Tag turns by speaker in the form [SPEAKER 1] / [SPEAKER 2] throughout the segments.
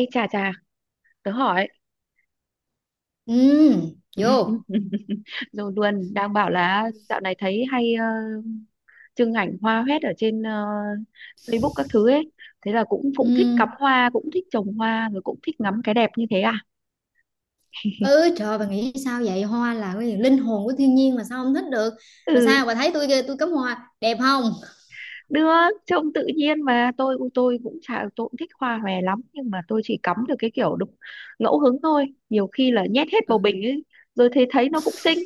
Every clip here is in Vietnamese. [SPEAKER 1] Ê chà chà, tớ hỏi
[SPEAKER 2] Ừ, vô.
[SPEAKER 1] rồi luôn đang bảo là dạo này thấy hay trưng ảnh hoa hoét ở trên Facebook các thứ ấy. Thế là cũng cũng thích
[SPEAKER 2] Ừ.
[SPEAKER 1] cắm hoa, cũng thích trồng hoa rồi cũng thích ngắm cái đẹp như thế à?
[SPEAKER 2] Ừ, trời bà nghĩ sao vậy? Hoa là cái gì? Linh hồn của thiên nhiên mà sao không thích được? Mà
[SPEAKER 1] Ừ,
[SPEAKER 2] sao bà thấy tôi kìa, tôi cắm hoa đẹp không?
[SPEAKER 1] được, trông tự nhiên mà tôi cũng chả tôi cũng thích hoa hòe lắm nhưng mà tôi chỉ cắm được cái kiểu đúng ngẫu hứng thôi. Nhiều khi là nhét hết bầu
[SPEAKER 2] Ừ,
[SPEAKER 1] bình ấy rồi thấy thấy nó cũng xinh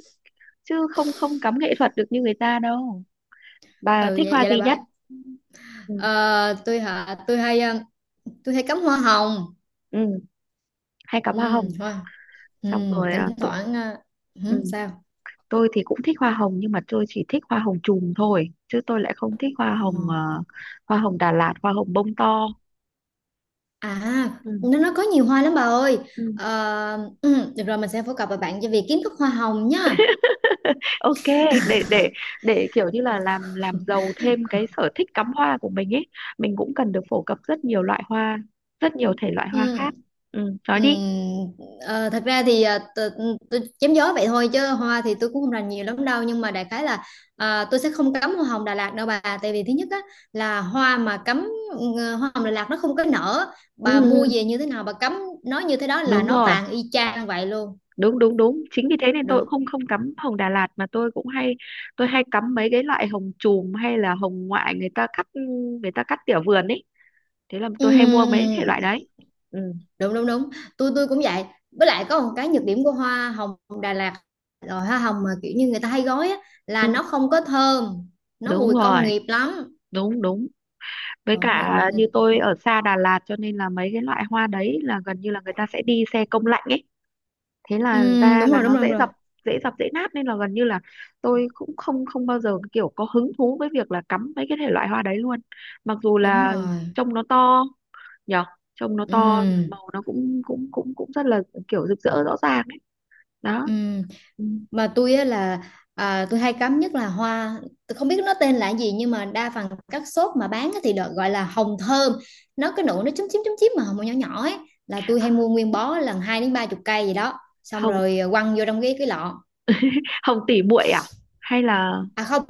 [SPEAKER 1] chứ không không cắm nghệ thuật được như người ta đâu. Bà
[SPEAKER 2] ừ
[SPEAKER 1] thích
[SPEAKER 2] vậy,
[SPEAKER 1] hoa
[SPEAKER 2] vậy là
[SPEAKER 1] gì nhất?
[SPEAKER 2] bà
[SPEAKER 1] Ừ.
[SPEAKER 2] ờ, tôi hả tôi hay tôi hay cắm hoa hồng.
[SPEAKER 1] Ừ. Hay cắm
[SPEAKER 2] Ừ,
[SPEAKER 1] hoa hồng,
[SPEAKER 2] hoa. Ừ,
[SPEAKER 1] xong rồi
[SPEAKER 2] thỉnh
[SPEAKER 1] à,
[SPEAKER 2] thoảng hử,
[SPEAKER 1] ừ,
[SPEAKER 2] sao?
[SPEAKER 1] tôi thì cũng thích hoa hồng nhưng mà tôi chỉ thích hoa hồng chùm thôi chứ tôi lại không thích hoa
[SPEAKER 2] Ờ.
[SPEAKER 1] hồng, hoa hồng Đà Lạt, hoa hồng bông to.
[SPEAKER 2] À,
[SPEAKER 1] Ừ.
[SPEAKER 2] nó có nhiều hoa lắm bà ơi.
[SPEAKER 1] Ừ.
[SPEAKER 2] Ờ, ừ, được rồi mình sẽ phổ cập và bạn cho việc kiến thức hoa hồng nha.
[SPEAKER 1] Ok, để để để kiểu như là làm giàu thêm cái sở thích cắm hoa của mình ấy, mình cũng cần được phổ cập rất nhiều loại hoa, rất nhiều thể loại hoa
[SPEAKER 2] Ừ.
[SPEAKER 1] khác. Ừ, nói đi.
[SPEAKER 2] Ừm, ờ, thật ra thì tôi chém gió vậy thôi chứ hoa thì tôi cũng không rành nhiều lắm đâu nhưng mà đại khái là à, tôi sẽ không cấm hoa hồng Đà Lạt đâu bà tại vì thứ nhất á, là hoa mà cấm ừ, hoa hồng Đà Lạt nó không có nở,
[SPEAKER 1] Ừ,
[SPEAKER 2] bà mua
[SPEAKER 1] ừ,
[SPEAKER 2] về như thế nào bà cấm nó như thế đó là
[SPEAKER 1] đúng
[SPEAKER 2] nó
[SPEAKER 1] rồi,
[SPEAKER 2] tàn y chang vậy luôn.
[SPEAKER 1] đúng đúng đúng, chính vì thế nên tôi cũng
[SPEAKER 2] Đúng.
[SPEAKER 1] không không cắm hồng Đà Lạt mà tôi hay cắm mấy cái loại hồng chùm hay là hồng ngoại người ta cắt tỉa vườn ấy, thế là
[SPEAKER 2] Ừ,
[SPEAKER 1] tôi hay mua mấy thể loại
[SPEAKER 2] ừ,
[SPEAKER 1] đấy. Ừ.
[SPEAKER 2] đúng đúng đúng, tôi cũng vậy. Với lại có một cái nhược điểm của hoa hồng Đà Lạt, rồi hoa hồng mà kiểu như người ta hay gói á, là
[SPEAKER 1] Ừ.
[SPEAKER 2] nó không có thơm, nó
[SPEAKER 1] Đúng
[SPEAKER 2] mùi
[SPEAKER 1] rồi,
[SPEAKER 2] công nghiệp lắm.
[SPEAKER 1] đúng đúng. Với
[SPEAKER 2] Đúng nè.
[SPEAKER 1] cả như tôi ở xa Đà Lạt cho nên là mấy cái loại hoa đấy là gần như là người ta sẽ đi xe công lạnh ấy, thế là ra
[SPEAKER 2] Đúng
[SPEAKER 1] là
[SPEAKER 2] rồi đúng
[SPEAKER 1] nó
[SPEAKER 2] rồi đúng
[SPEAKER 1] dễ
[SPEAKER 2] rồi
[SPEAKER 1] dập dễ dập dễ nát nên là gần như là tôi cũng không không bao giờ kiểu có hứng thú với việc là cắm mấy cái thể loại hoa đấy luôn, mặc dù
[SPEAKER 2] đúng
[SPEAKER 1] là
[SPEAKER 2] rồi.
[SPEAKER 1] trông nó to, nhở? Trông nó to,
[SPEAKER 2] Ừm,
[SPEAKER 1] màu nó cũng cũng cũng cũng rất là kiểu rực rỡ rõ ràng ấy. Đó.
[SPEAKER 2] ừm.
[SPEAKER 1] Ừ.
[SPEAKER 2] Mà tôi á là à, tôi hay cắm nhất là hoa, tôi không biết nó tên là gì nhưng mà đa phần các shop mà bán á thì được gọi là hồng thơm, nó cái nụ nó chúm chím mà hồng nhỏ nhỏ ấy, là tôi hay mua nguyên bó lần hai đến ba chục cây gì đó xong
[SPEAKER 1] hồng
[SPEAKER 2] rồi quăng vô trong cái lọ.
[SPEAKER 1] hồng tỷ muội à, hay là.
[SPEAKER 2] À không,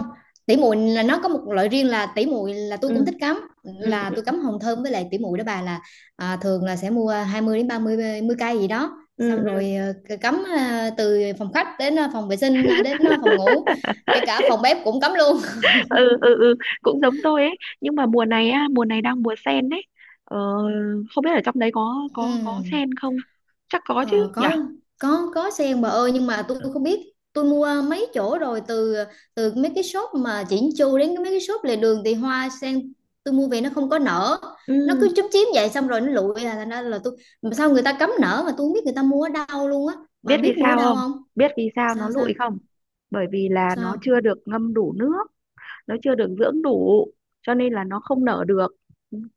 [SPEAKER 2] tỉ muội là nó có một loại riêng, là tỉ muội là tôi
[SPEAKER 1] Ừ
[SPEAKER 2] cũng thích cắm,
[SPEAKER 1] ừ
[SPEAKER 2] là
[SPEAKER 1] ừ
[SPEAKER 2] tôi cắm hồng thơm với lại tỉ muội đó bà, là à, thường là sẽ mua 20 đến 30 mươi mươi cây gì đó
[SPEAKER 1] ừ
[SPEAKER 2] xong
[SPEAKER 1] ừ.
[SPEAKER 2] rồi cắm từ phòng khách đến phòng vệ sinh đến phòng ngủ, kể cả phòng bếp cũng cắm luôn.
[SPEAKER 1] Ừ ừ ừ, cũng giống tôi ấy, nhưng mà mùa này á, mùa này đang mùa sen đấy. ờ, Không biết ở trong đấy có có
[SPEAKER 2] Ừ.
[SPEAKER 1] có sen không, chắc có chứ
[SPEAKER 2] Ờ,
[SPEAKER 1] nhỉ.
[SPEAKER 2] có, có sen bà ơi nhưng mà tôi không biết, tôi mua mấy chỗ rồi, từ từ mấy cái shop mà chỉnh chu đến mấy cái shop lề đường thì hoa sen tôi mua về nó không có nở,
[SPEAKER 1] Ừ.
[SPEAKER 2] nó cứ chúm chím vậy xong rồi nó lụi, là thành ra là tôi, mà sao người ta cấm nở mà tôi không biết người ta mua ở đâu luôn á, bà
[SPEAKER 1] Biết vì
[SPEAKER 2] biết mua ở
[SPEAKER 1] sao
[SPEAKER 2] đâu
[SPEAKER 1] không?
[SPEAKER 2] không?
[SPEAKER 1] Biết vì sao nó
[SPEAKER 2] Sao sao
[SPEAKER 1] lụi không? Bởi vì là nó
[SPEAKER 2] sao?
[SPEAKER 1] chưa được ngâm đủ nước, nó chưa được dưỡng đủ cho nên là nó không nở được,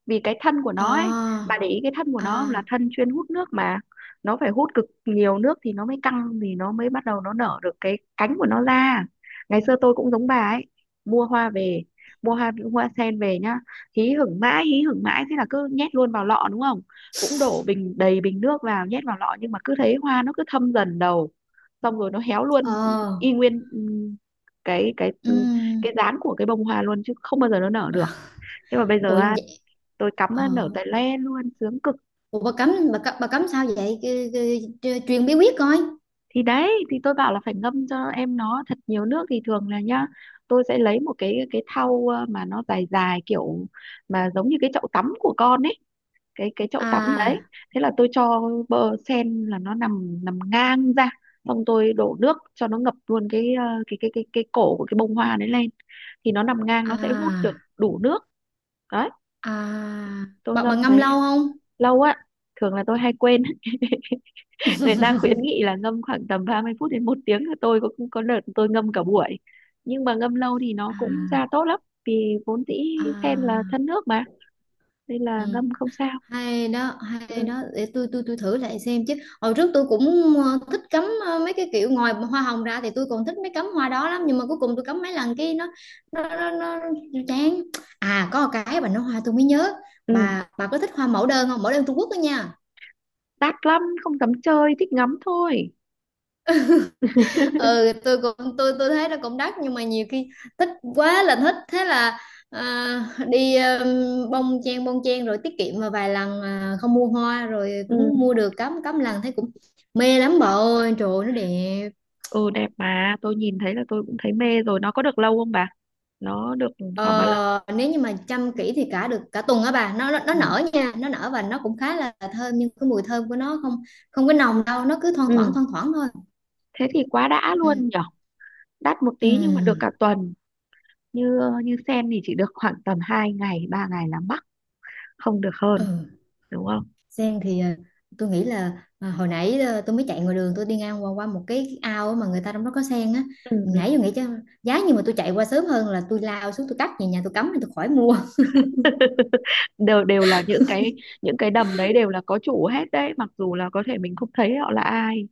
[SPEAKER 1] vì cái thân của nó ấy.
[SPEAKER 2] À.
[SPEAKER 1] Bà để ý cái thân của nó không? Là
[SPEAKER 2] À.
[SPEAKER 1] thân chuyên hút nước mà, nó phải hút cực nhiều nước thì nó mới căng, thì nó mới bắt đầu nó nở được cái cánh của nó ra. Ngày xưa tôi cũng giống bà ấy, mua hoa về, mua hoa hoa sen về nhá, hí hửng mãi hí hửng mãi, thế là cứ nhét luôn vào lọ đúng không, cũng đổ bình đầy bình nước vào nhét vào lọ nhưng mà cứ thấy hoa nó cứ thâm dần đầu, xong rồi nó héo luôn
[SPEAKER 2] Ờ.
[SPEAKER 1] y nguyên, ừ, cái cái
[SPEAKER 2] Ừm.
[SPEAKER 1] cái dáng của cái bông hoa luôn chứ không bao giờ nó nở được. Thế mà bây
[SPEAKER 2] Ủa
[SPEAKER 1] giờ á,
[SPEAKER 2] vậy.
[SPEAKER 1] tôi cắm
[SPEAKER 2] Ờ,
[SPEAKER 1] nó nở tại le luôn, sướng cực.
[SPEAKER 2] ủa bà cấm, bà cấm sao vậy? Truyền bí quyết coi.
[SPEAKER 1] Thì đấy thì tôi bảo là phải ngâm cho em nó thật nhiều nước, thì thường là nhá, tôi sẽ lấy một cái thau mà nó dài dài kiểu mà giống như cái chậu tắm của con ấy, cái chậu tắm
[SPEAKER 2] À.
[SPEAKER 1] đấy. Thế là tôi cho bơ sen là nó nằm nằm ngang ra, xong tôi đổ nước cho nó ngập luôn cái ờ, cái cổ của cái bông hoa đấy lên, thì nó nằm ngang nó sẽ hút được
[SPEAKER 2] À.
[SPEAKER 1] đủ nước, đấy,
[SPEAKER 2] À,
[SPEAKER 1] tôi
[SPEAKER 2] bạn
[SPEAKER 1] ngâm
[SPEAKER 2] bạn ngâm
[SPEAKER 1] đấy.
[SPEAKER 2] lâu không?
[SPEAKER 1] Lâu á, thường là tôi hay quên. Người ta khuyến nghị là ngâm khoảng tầm 30 phút đến 1 tiếng, tôi có đợt tôi ngâm cả buổi, nhưng mà ngâm lâu thì nó
[SPEAKER 2] À,
[SPEAKER 1] cũng ra tốt lắm vì vốn dĩ
[SPEAKER 2] à,
[SPEAKER 1] sen là thân nước mà, nên
[SPEAKER 2] ừ,
[SPEAKER 1] là ngâm không sao.
[SPEAKER 2] hay đó, hay
[SPEAKER 1] Ừ
[SPEAKER 2] đó. Để tôi tôi thử lại xem chứ. Hồi trước tôi cũng thích cắm mấy cái kiểu ngoài hoa hồng ra thì tôi còn thích mấy cắm hoa đó lắm nhưng mà cuối cùng tôi cắm mấy lần cái nó nó nó, nó, nó chán. À có một cái bà nói hoa tôi mới nhớ.
[SPEAKER 1] ừ.
[SPEAKER 2] Bà có thích hoa mẫu đơn không? Mẫu đơn Trung Quốc đó nha.
[SPEAKER 1] Đắt lắm không dám chơi, thích ngắm thôi.
[SPEAKER 2] Ừ, tôi tôi thấy nó cũng đắt nhưng mà nhiều khi thích, quá là thích, thế là à, đi bông chen rồi tiết kiệm vào vài lần, à, không mua hoa rồi
[SPEAKER 1] Ừ
[SPEAKER 2] cũng mua được cắm, cắm lần thấy cũng mê lắm bà ơi, trời ơi, nó đẹp.
[SPEAKER 1] ừ. Đẹp mà tôi nhìn thấy là tôi cũng thấy mê rồi, nó có được lâu không bà, nó được khoảng bao lâu?
[SPEAKER 2] Ờ, nếu như mà chăm kỹ thì cả được cả tuần á bà, nó
[SPEAKER 1] Ừ.
[SPEAKER 2] nở nha, nó nở và nó cũng khá là thơm, nhưng cái mùi thơm của nó không, không có nồng đâu, nó cứ
[SPEAKER 1] Ừ,
[SPEAKER 2] thoang thoảng thôi.
[SPEAKER 1] thế thì quá đã
[SPEAKER 2] Ừ.
[SPEAKER 1] luôn nhở, đắt một
[SPEAKER 2] Ừ.
[SPEAKER 1] tí nhưng mà được cả tuần, như như sen thì chỉ được khoảng tầm 2 ngày 3 ngày là mắc, không được hơn
[SPEAKER 2] Ừ.
[SPEAKER 1] đúng không?
[SPEAKER 2] Sen thì tôi nghĩ là hồi nãy tôi mới chạy ngoài đường, tôi đi ngang qua qua một cái ao mà người ta trong đó có sen á,
[SPEAKER 1] Ừ ừ.
[SPEAKER 2] nãy tôi nghĩ chứ, giá như mà tôi chạy qua sớm hơn là tôi lao xuống tôi cắt về nhà tôi cắm thì tôi khỏi mua.
[SPEAKER 1] đều đều là những cái đầm đấy đều là có chủ hết đấy, mặc dù là có thể mình không thấy họ là ai,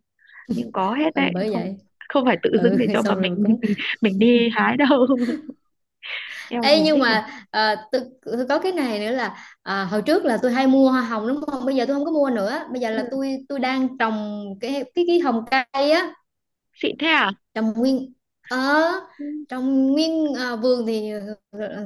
[SPEAKER 1] nhưng có hết
[SPEAKER 2] Ừ
[SPEAKER 1] đấy,
[SPEAKER 2] bởi
[SPEAKER 1] không?
[SPEAKER 2] vậy.
[SPEAKER 1] Không phải tự dưng
[SPEAKER 2] Ừ.
[SPEAKER 1] để cho mà
[SPEAKER 2] Xong rồi
[SPEAKER 1] mình
[SPEAKER 2] cũng.
[SPEAKER 1] mình đi hái đâu. Eo
[SPEAKER 2] Ê
[SPEAKER 1] nhìn
[SPEAKER 2] nhưng
[SPEAKER 1] thích nhỉ.
[SPEAKER 2] mà tôi có cái này nữa là hồi trước là tôi hay mua hoa hồng đúng không, bây giờ tôi không có mua nữa, bây giờ
[SPEAKER 1] Ừ.
[SPEAKER 2] là tôi đang trồng cái hồng cây á,
[SPEAKER 1] Xịn thế à?
[SPEAKER 2] trồng nguyên ở
[SPEAKER 1] Ừ,
[SPEAKER 2] trong nguyên à, vườn thì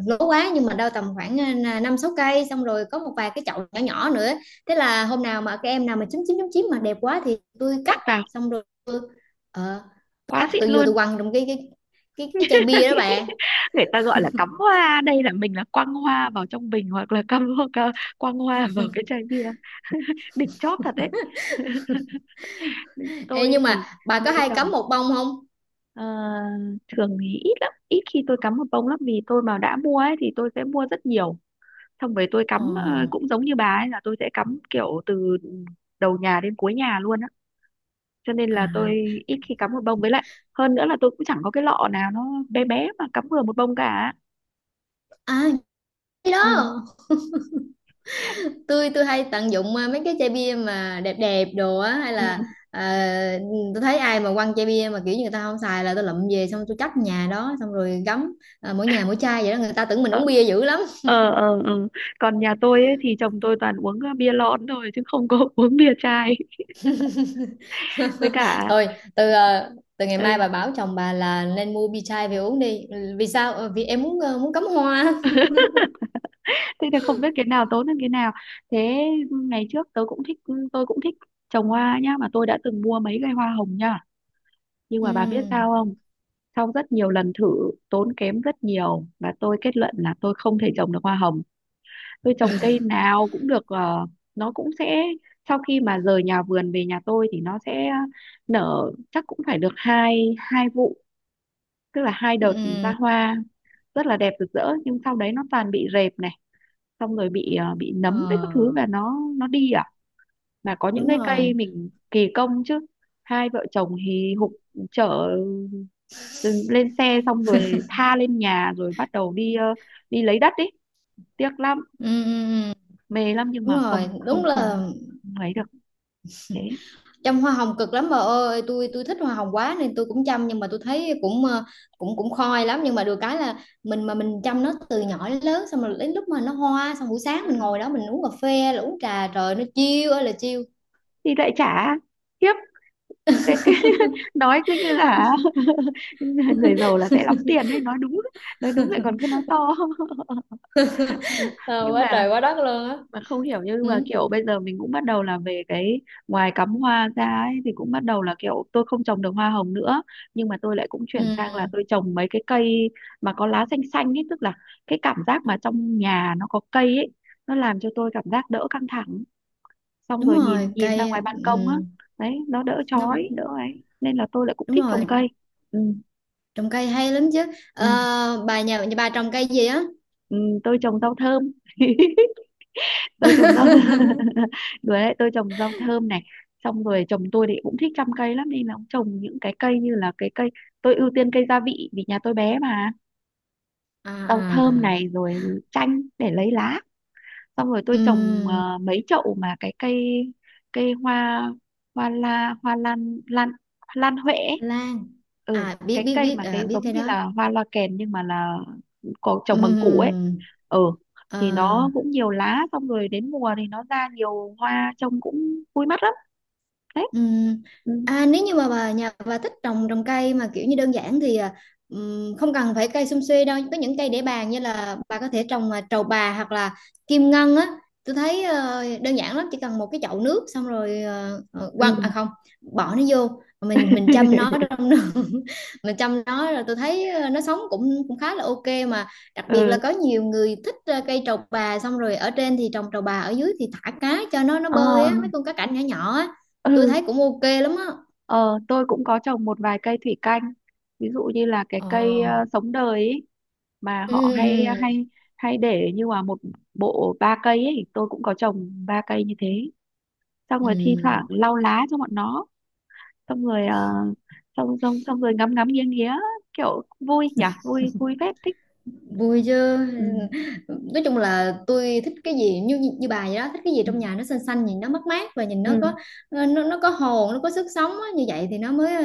[SPEAKER 2] lỗ quá, nhưng mà đâu tầm khoảng à, năm sáu cây xong rồi có một vài cái chậu nhỏ nhỏ nữa, thế là hôm nào mà các em nào mà chín chín chín chín mà đẹp quá thì tôi cắt,
[SPEAKER 1] cắt vào.
[SPEAKER 2] xong rồi ờ,
[SPEAKER 1] Quá
[SPEAKER 2] cắt
[SPEAKER 1] xịn
[SPEAKER 2] tôi vừa tôi
[SPEAKER 1] luôn.
[SPEAKER 2] quăng trong cái chai bia đó bà.
[SPEAKER 1] Người ta gọi là cắm hoa đây là mình là quăng hoa vào trong bình hoặc là cắm, hoặc là quăng hoa vào cái chai bia. Đỉnh chóp thật đấy.
[SPEAKER 2] Ê,
[SPEAKER 1] Tôi
[SPEAKER 2] nhưng
[SPEAKER 1] thì
[SPEAKER 2] mà bà
[SPEAKER 1] mê
[SPEAKER 2] có hay cắm
[SPEAKER 1] trồng.
[SPEAKER 2] một bông không?
[SPEAKER 1] Ờ, thường thì ít lắm, ít khi tôi cắm một bông lắm vì tôi mà đã mua ấy thì tôi sẽ mua rất nhiều, xong rồi tôi
[SPEAKER 2] Ờ,
[SPEAKER 1] cắm, cũng giống như bà ấy là tôi sẽ cắm kiểu từ đầu nhà đến cuối nhà luôn á, cho nên
[SPEAKER 2] à,
[SPEAKER 1] là tôi ít khi cắm một bông, với lại hơn nữa là tôi cũng chẳng có cái lọ nào nó bé bé mà cắm vừa một bông cả.
[SPEAKER 2] à, cái
[SPEAKER 1] Ừ
[SPEAKER 2] đó tôi hay tận dụng mấy cái chai bia mà đẹp đẹp đồ á hay
[SPEAKER 1] ừ.
[SPEAKER 2] là ờ, tôi thấy ai mà quăng chai bia mà kiểu như người ta không xài là tôi lụm về xong tôi cất nhà đó xong rồi gắm, mỗi nhà mỗi chai vậy đó, người ta tưởng mình
[SPEAKER 1] Ờ
[SPEAKER 2] uống bia dữ lắm.
[SPEAKER 1] ờ ờ ờ. Còn nhà tôi ấy, thì chồng tôi toàn uống bia lon thôi chứ không có uống bia chai, với cả.
[SPEAKER 2] Thôi từ từ ngày mai
[SPEAKER 1] Ừ.
[SPEAKER 2] bà bảo chồng bà là nên mua bia chai về uống đi. Ừ, vì sao? Ờ, vì em muốn muốn cắm hoa.
[SPEAKER 1] Thế thì không biết cái nào tốt hơn cái nào. Thế, ngày trước tớ cũng thích, tôi cũng thích trồng hoa nhá, mà tôi đã từng mua mấy cây hoa hồng nhá, nhưng mà bà biết sao
[SPEAKER 2] Ừ.
[SPEAKER 1] không? Sau rất nhiều lần thử, tốn kém rất nhiều, và tôi kết luận là tôi không thể trồng được hoa hồng. Tôi trồng cây nào cũng được, nó cũng sẽ, sau khi mà rời nhà vườn về nhà tôi thì nó sẽ nở, chắc cũng phải được hai hai vụ, tức là 2 đợt ra
[SPEAKER 2] Ừ.
[SPEAKER 1] hoa, rất là đẹp rực rỡ, nhưng sau đấy nó toàn bị rệp này, xong rồi bị
[SPEAKER 2] Ờ,
[SPEAKER 1] nấm với các thứ và nó đi à, mà có những
[SPEAKER 2] đúng
[SPEAKER 1] cái cây
[SPEAKER 2] rồi.
[SPEAKER 1] mình kỳ công chứ, hai vợ chồng hì hục chở lên xe xong rồi tha lên nhà rồi bắt đầu đi, đi lấy đất ý, tiếc lắm,
[SPEAKER 2] Ừ, ừ, ừ.
[SPEAKER 1] mê lắm, nhưng
[SPEAKER 2] Đúng
[SPEAKER 1] mà không
[SPEAKER 2] rồi, đúng
[SPEAKER 1] không không
[SPEAKER 2] là
[SPEAKER 1] không ấy được, thế.
[SPEAKER 2] chăm hoa hồng cực lắm bà ơi, tôi thích hoa hồng quá nên tôi cũng chăm nhưng mà tôi thấy cũng cũng cũng khói lắm, nhưng mà được cái là mình mà mình chăm nó từ nhỏ đến lớn xong rồi đến lúc mà nó hoa xong buổi
[SPEAKER 1] Ừ.
[SPEAKER 2] sáng mình ngồi đó mình uống cà phê là uống trà, trời nó chiêu ơi là chiêu.
[SPEAKER 1] Thì lại trả tiếp cái, nói cứ như là người giàu là sẽ lắm tiền ấy, nói đúng, nói đúng lại còn cứ nói to.
[SPEAKER 2] Ờ,
[SPEAKER 1] Nhưng
[SPEAKER 2] quá
[SPEAKER 1] mà
[SPEAKER 2] trời quá đất luôn á.
[SPEAKER 1] mà không hiểu, nhưng mà
[SPEAKER 2] Ừ.
[SPEAKER 1] kiểu bây giờ mình cũng bắt đầu là về cái, ngoài cắm hoa ra ấy thì cũng bắt đầu là kiểu tôi không trồng được hoa hồng nữa, nhưng mà tôi lại cũng chuyển sang là
[SPEAKER 2] Ừ.
[SPEAKER 1] tôi trồng mấy cái cây mà có lá xanh xanh ấy, tức là cái cảm giác mà trong nhà nó có cây ấy nó làm cho tôi cảm giác đỡ căng thẳng, xong
[SPEAKER 2] Đúng
[SPEAKER 1] rồi
[SPEAKER 2] rồi
[SPEAKER 1] nhìn, ra
[SPEAKER 2] cây.
[SPEAKER 1] ngoài ban
[SPEAKER 2] Ừ.
[SPEAKER 1] công á, đấy nó đỡ
[SPEAKER 2] Nó.
[SPEAKER 1] chói đỡ ấy, nên là tôi lại cũng
[SPEAKER 2] Đúng
[SPEAKER 1] thích
[SPEAKER 2] rồi,
[SPEAKER 1] trồng cây. Ừ,
[SPEAKER 2] trồng cây hay lắm chứ.
[SPEAKER 1] ừ,
[SPEAKER 2] Ờ, bà nhà nhà bà trồng cây gì á?
[SPEAKER 1] ừ, tôi trồng rau thơm. Tôi trồng rau. Đùa đấy, tôi trồng rau thơm này, xong rồi chồng tôi thì cũng thích chăm cây lắm nên là ông trồng những cái cây như là cái cây, tôi ưu tiên cây gia vị vì nhà tôi bé mà.
[SPEAKER 2] À,
[SPEAKER 1] Rau thơm
[SPEAKER 2] à.
[SPEAKER 1] này rồi chanh để lấy lá, xong rồi tôi trồng,
[SPEAKER 2] Ừ.
[SPEAKER 1] mấy chậu mà cái cây cây hoa hoa la hoa lan lan lan huệ ấy.
[SPEAKER 2] Lan.
[SPEAKER 1] Ừ,
[SPEAKER 2] À biết
[SPEAKER 1] cái
[SPEAKER 2] biết
[SPEAKER 1] cây
[SPEAKER 2] biết
[SPEAKER 1] mà cái
[SPEAKER 2] biết
[SPEAKER 1] giống
[SPEAKER 2] cây
[SPEAKER 1] như
[SPEAKER 2] đó.
[SPEAKER 1] là hoa loa kèn nhưng mà là có trồng bằng củ ấy.
[SPEAKER 2] Ừ.
[SPEAKER 1] Ừ.
[SPEAKER 2] Ờ.
[SPEAKER 1] Thì nó cũng nhiều lá xong rồi đến mùa thì nó ra nhiều hoa trông cũng vui mắt lắm đấy.
[SPEAKER 2] Ừm.
[SPEAKER 1] Ừ
[SPEAKER 2] À, nếu như mà bà nhà bà thích trồng trồng cây mà kiểu như đơn giản thì à, không cần phải cây sum suê đâu, có những cây để bàn như là bà có thể trồng à, trầu bà hoặc là kim ngân á, tôi thấy đơn giản lắm, chỉ cần một cái chậu nước xong rồi
[SPEAKER 1] ừ.
[SPEAKER 2] quăng à không, bỏ nó vô, mình chăm nó trong nước. Mình chăm nó rồi tôi thấy nó sống cũng cũng khá là ok mà, đặc biệt là
[SPEAKER 1] Ừ
[SPEAKER 2] có nhiều người thích cây trầu bà xong rồi ở trên thì trồng trầu bà ở dưới thì thả cá cho nó
[SPEAKER 1] ờ
[SPEAKER 2] bơi á, mấy con cá cảnh nhỏ nhỏ á,
[SPEAKER 1] ừ
[SPEAKER 2] tôi thấy cũng ok lắm á.
[SPEAKER 1] ờ. Tôi cũng có trồng một vài cây thủy canh, ví dụ như là cái cây
[SPEAKER 2] Ờ.
[SPEAKER 1] sống đời ý, mà
[SPEAKER 2] Ừ,
[SPEAKER 1] họ hay
[SPEAKER 2] ừ.
[SPEAKER 1] hay hay để như là một bộ ba cây ấy, tôi cũng có trồng 3 cây như thế, xong
[SPEAKER 2] Ừ.
[SPEAKER 1] rồi thi thoảng lau lá cho bọn nó, xong rồi ờ, xong xong xong rồi ngắm ngắm nghiêng nghía, kiểu vui nhỉ, vui vui phết, thích.
[SPEAKER 2] Vui chứ.
[SPEAKER 1] Ừ,
[SPEAKER 2] Nói chung là tôi thích cái gì như như bà vậy đó, thích cái gì
[SPEAKER 1] ừ,
[SPEAKER 2] trong nhà nó xanh xanh nhìn nó mát mát và nhìn nó
[SPEAKER 1] ừ,
[SPEAKER 2] có nó có hồn nó có sức sống á, như vậy thì nó mới ừ,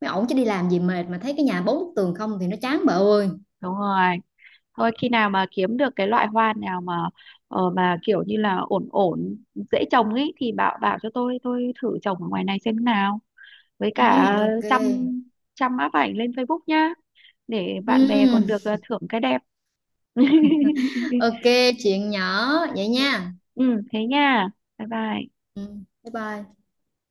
[SPEAKER 2] mới ổn chứ, đi làm gì mệt mà thấy cái nhà bốn bức tường không thì nó chán bà ơi.
[SPEAKER 1] đúng rồi. Thôi khi nào mà kiếm được cái loại hoa nào mà, mà kiểu như là ổn ổn dễ trồng ấy thì bảo bảo cho tôi thử trồng ở ngoài này xem nào, với cả
[SPEAKER 2] Ừ, ok.
[SPEAKER 1] chăm chăm áp ảnh lên Facebook nhá, để bạn bè còn
[SPEAKER 2] Ừ,
[SPEAKER 1] được thưởng cái đẹp.
[SPEAKER 2] ok, chuyện nhỏ vậy nha.
[SPEAKER 1] Ừ thế nha, bye bye.
[SPEAKER 2] Ừ, bye bye.